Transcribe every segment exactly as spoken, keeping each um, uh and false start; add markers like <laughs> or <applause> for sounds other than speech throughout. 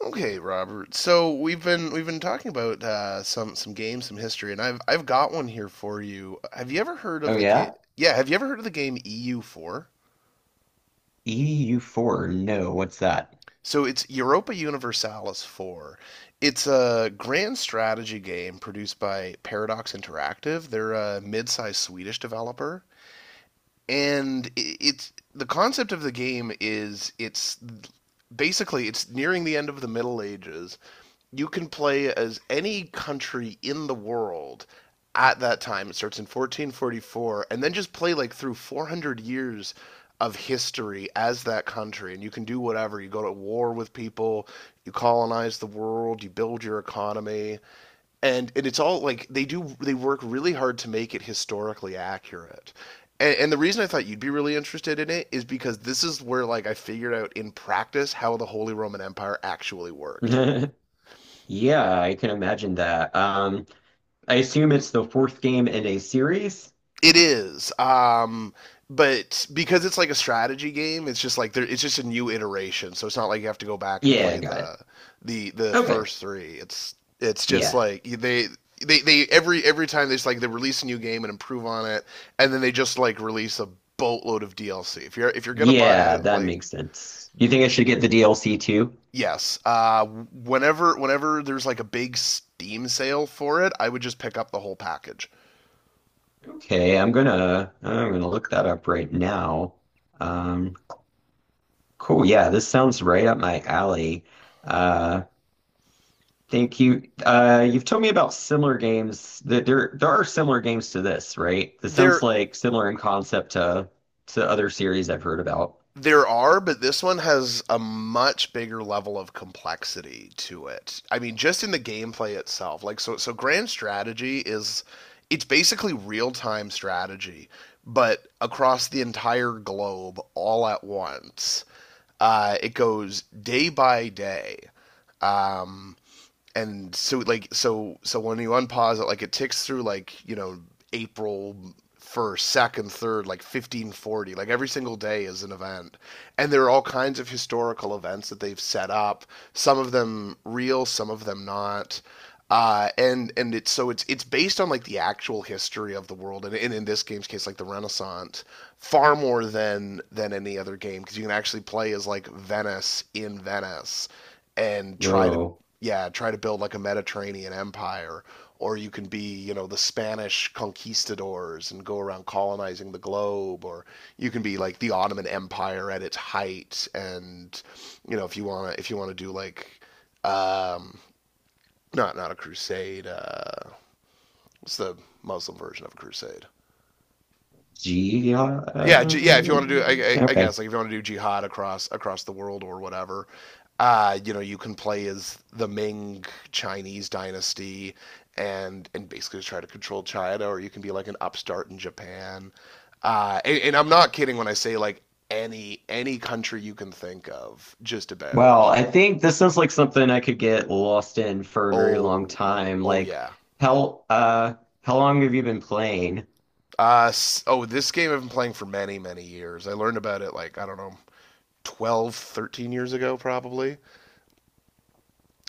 Okay, Robert. So we've been we've been talking about uh, some some games, some history, and I've I've got one here for you. Have you ever heard of Oh the game? yeah? Yeah, have you ever heard of the game E U four? E U four. No, what's that? So it's Europa Universalis four. It's a grand strategy game produced by Paradox Interactive. They're a mid-sized Swedish developer, and i- it's the concept of the game is it's basically it's nearing the end of the Middle Ages. You can play as any country in the world at that time. It starts in one four four four, and then just play like through four hundred years of history as that country. And you can do whatever. You go to war with people, you colonize the world, you build your economy and and it's all like they do they work really hard to make it historically accurate and, and the reason I thought you'd be really interested in it is because this is where like I figured out in practice how the Holy Roman Empire actually worked. <laughs> Yeah, I can imagine that. Um, I assume it's the fourth game in a series? It is. Um, but because it's like a strategy game, it's just like there, it's just a new iteration. So it's not like you have to go back and Yeah, play I got it. the the the Okay. first three. It's it's just Yeah. like they they they every every time they just like they release a new game and improve on it, and then they just like release a boatload of D L C. If you're if you're gonna buy Yeah, it, that like makes sense. You think I should get the D L C too? yes, uh, whenever whenever there's like a big Steam sale for it, I would just pick up the whole package. Okay, I'm gonna I'm gonna look that up right now. Um, cool. Yeah, this sounds right up my alley. Uh, Thank you. Uh, you've told me about similar games that there there are similar games to this, right? This sounds There like similar in concept to to other series I've heard about. There are, but this one has a much bigger level of complexity to it. I mean, just in the gameplay itself. Like so so grand strategy is it's basically real-time strategy, but across the entire globe all at once. Uh, it goes day by day, and so like so so when you unpause it, like it ticks through like you know April first, second, third, like fifteen forty. Like every single day is an event, and there are all kinds of historical events that they've set up. Some of them real, some of them not. Uh, and and it's so it's it's based on like the actual history of the world, and, and in this game's case, like the Renaissance, far more than than any other game because you can actually play as like Venice in Venice and try to Whoa. yeah, try to build like a Mediterranean empire, or you can be, you know, the Spanish conquistadors and go around colonizing the globe, or you can be like the Ottoman Empire at its height, and you know, if you wanna if you wanna do like, um, not not a crusade, uh, what's the Muslim version of a crusade? G Yeah, yeah. If you want to do, I, I, okay. guess, like if you want to do jihad across across the world or whatever, uh, you know, you can play as the Ming Chinese dynasty and and basically just try to control China, or you can be like an upstart in Japan. Uh, and, and I'm not kidding when I say like any any country you can think of, just about. Well, I think this sounds like something I could get lost in for a very long Oh, time. oh Like yeah. how uh how long have you been playing? Uh, s- oh, this game I've been playing for many many years. I learned about it like I don't know, twelve, thirteen years ago probably.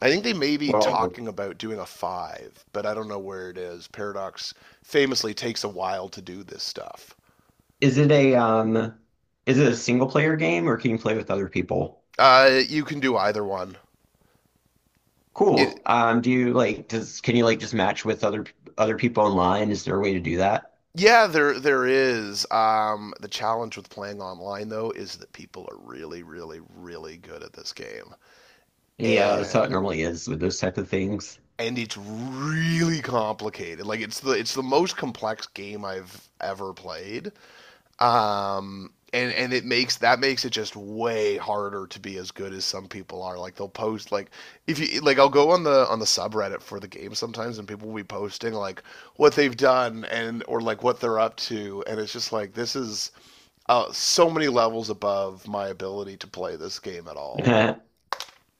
I think they may be Well, talking about doing a five, but I don't know where it is. Paradox famously takes a while to do this stuff. is it a um is it a single player game, or can you play with other people? Uh, you can do either one. It, Cool. Um, do you like does can you like just match with other other people online? Is there a way to do that? yeah, there there is. Um, the challenge with playing online though is that people are really, really, really good at this game, Yeah, that's how and it normally is with those type of things. and it's really complicated. Like it's the it's the most complex game I've ever played. Um, and and it makes that makes it just way harder to be as good as some people are. Like they'll post like if you like I'll go on the on the subreddit for the game sometimes and people will be posting like what they've done and or like what they're up to and it's just like this is uh, so many levels above my ability to play this game at all. <laughs>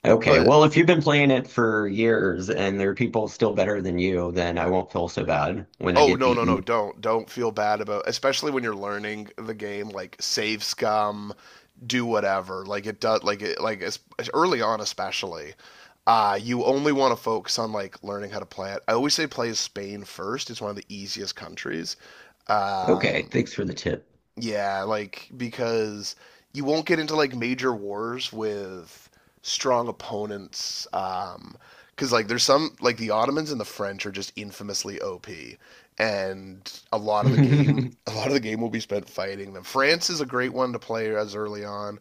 Okay, But well, if you've been playing it for years and there are people still better than you, then I won't feel so bad when I Oh get no no no! beaten. Don't don't feel bad about, especially when you're learning the game. Like save scum, do whatever. Like it does. Like it like as, early on, especially. Uh, you only want to focus on like learning how to play it. I always say play Spain first. It's one of the easiest countries. Okay, Um, thanks for the tip. yeah, like because you won't get into like major wars with strong opponents. Um, because like there's some like the Ottomans and the French are just infamously O P, and a lot of the game, <laughs> <laughs> a lot of the game will be spent fighting them. France is a great one to play as early on.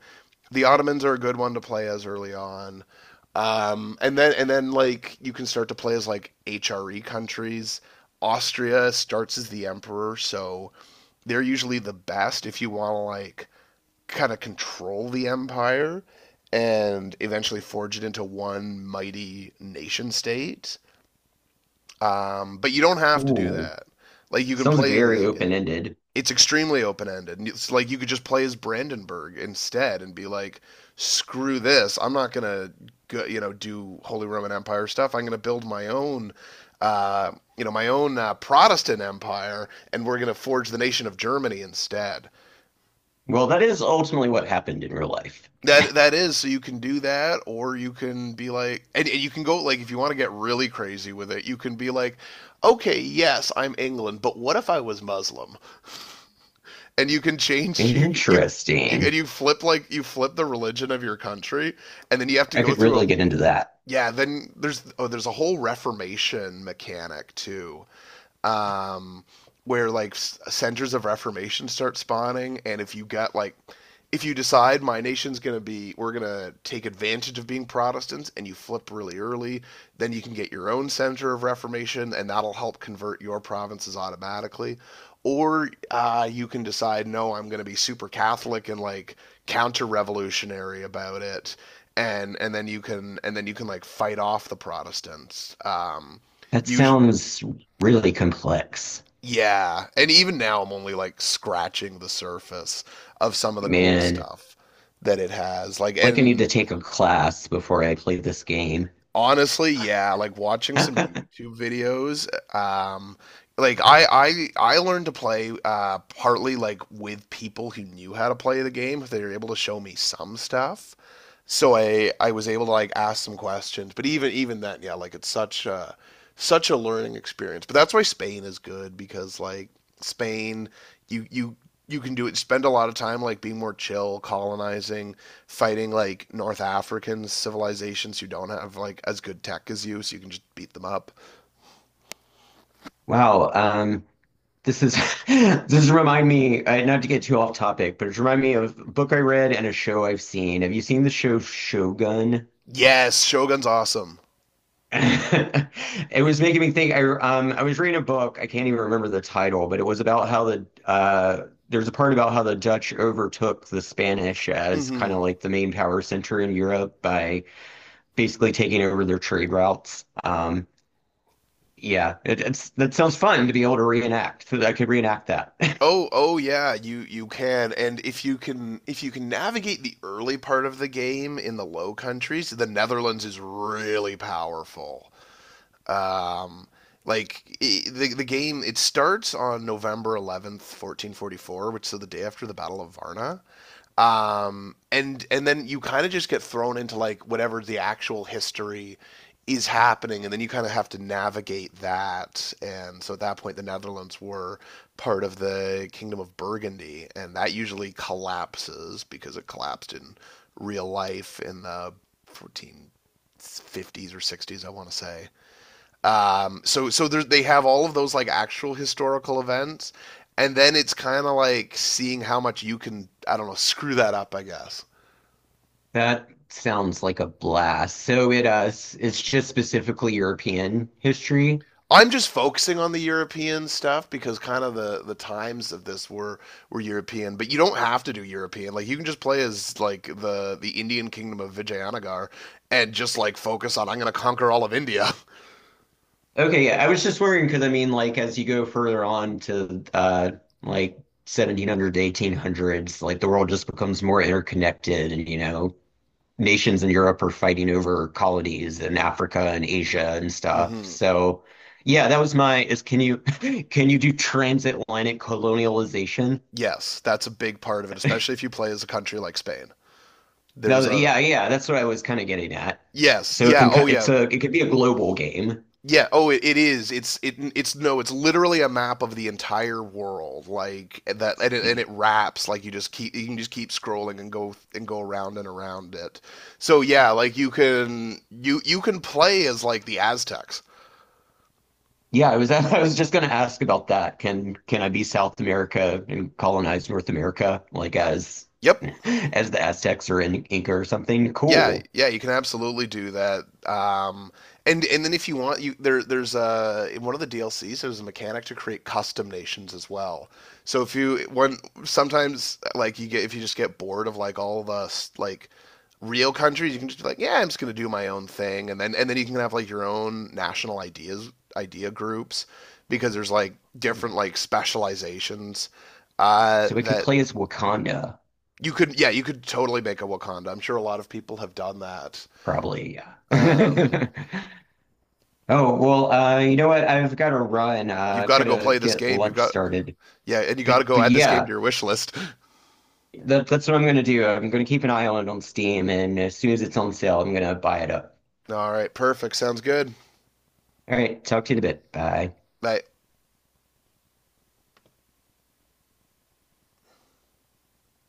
The Ottomans are a good one to play as early on. Um, and then and then like you can start to play as like H R E countries. Austria starts as the emperor, so they're usually the best if you want to like kind of control the empire and eventually forge it into one mighty nation state. Um, but you don't have to do Ooh, that. Like you can sounds play very as yeah, open-ended. it's extremely open ended. It's like you could just play as Brandenburg instead and be like, screw this, I'm not gonna you know do Holy Roman Empire stuff. I'm gonna build my own. Uh, you know my own uh, Protestant empire, and we're going to forge the nation of Germany instead. Well, that is ultimately what happened in real life. That that is so you can do that, or you can be like, and, and you can go like if you want to get really crazy with it, you can be like, okay, yes, I'm England, but what if I was Muslim? And you can change <laughs> you you you Interesting. and you flip like you flip the religion of your country, and then you have to I go could through really a get into that. yeah. Then there's oh there's a whole Reformation mechanic too, um, where like centers of reformation start spawning, and if you got like, if you decide my nation's gonna be, we're gonna take advantage of being Protestants, and you flip really early, then you can get your own center of reformation, and that'll help convert your provinces automatically. Or uh, you can decide, no, I'm going to be super Catholic and like counter-revolutionary about it, and and then you can and then you can like fight off the Protestants. Um, That us- sounds really complex. yeah, and even now I'm only like scratching the surface of some of the cool Man, stuff that it has. Like, like I need to and take a class before I play this game. honestly, yeah, like watching some <laughs> YouTube videos, um, like I I I learned to play uh partly like with people who knew how to play the game if they were able to show me some stuff. So I I was able to like ask some questions, but even even then, yeah, like it's such a such a learning experience. But that's why Spain is good because like Spain, you you you can do it. Spend a lot of time like being more chill, colonizing, fighting like North African civilizations who don't have like as good tech as you, so you can just beat them up. Wow, um, this is <laughs> this remind me, uh, not to get too off topic, but it's remind me of a book I read and a show I've seen. Have you seen the show Shogun? Yes, Shogun's awesome. <laughs> It was making me think. I um I was reading a book. I can't even remember the title, but it was about how the uh there's a part about how the Dutch overtook the Spanish as kind Mm-hmm. of like the main power center in Europe by basically taking over their trade routes. Um, Yeah, it, it's that sounds fun to be able to reenact. So I could reenact that. <laughs> Oh, oh yeah, you you can, and if you can if you can navigate the early part of the game in the Low Countries, the Netherlands is really powerful. Um, like I the the game, it starts on November eleventh, fourteen forty four, which is the day after the Battle of Varna, um, and and then you kind of just get thrown into like whatever the actual history is happening, and then you kind of have to navigate that. And so at that point, the Netherlands were part of the Kingdom of Burgundy, and that usually collapses because it collapsed in real life in the fourteen fifties or sixties, I want to say. Um, so so they have all of those like actual historical events, and then it's kind of like seeing how much you can I don't know screw that up. I guess That sounds like a blast. So it uh, s- it's just specifically European history. I'm just focusing on the European stuff because kind of the the times of this were were European, but you don't have to do European. Like you can just play as like the the Indian kingdom of Vijayanagar and just like focus on I'm going to conquer all of India. Okay, yeah, I was just wondering because I mean, like, as you go further on to uh, like seventeen hundred to eighteen hundreds, like the world just becomes more interconnected, and you know, nations in Europe are fighting over colonies in Africa and Asia and <laughs> stuff. hmm So yeah, that was my is can you <laughs> can you do transatlantic colonialization? Yes, that's a big part of it, especially if you play as a country like Spain. There's No, a yeah, yeah, that's what I was kind of getting at. yes, So it yeah, can ki- oh yeah, it's a it could be a global game. yeah. Oh, it, it is. It's it, it's no. It's literally a map of the entire world. Like and that, and it, and it wraps. Like you just keep you can just keep scrolling and go and go around and around it. So yeah, like you can you you can play as like the Aztecs. Yeah, I was <laughs> I was just going to ask about that. Can can I be South America and colonize North America like as Yep. <laughs> as the Aztecs or in Inca or something? Yeah, Cool. yeah, you can absolutely do that. Um, and and then if you want, you there there's a in one of the D L Cs there's a mechanic to create custom nations as well. So if you one sometimes like you get if you just get bored of like all the s- like real countries, you can just be like, yeah, I'm just gonna do my own thing, and then and then you can have like your own national ideas idea groups because there's like different like specializations uh, So it could that play as Wakanda. you could yeah you could totally make a Wakanda. I'm sure a lot of people have done that Probably, um, yeah. <laughs> Oh, well, uh, you know what? I've got to run. Uh, you've I've got to got go to play this get game. You've lunch got started. yeah, and you But got to go but add this game to yeah, your wish list. that, that's what I'm going to do. I'm going to keep an eye on it on Steam, and as soon as it's on sale, I'm going to buy it up. All right, perfect. Sounds good. All right, talk to you in a bit. Bye. I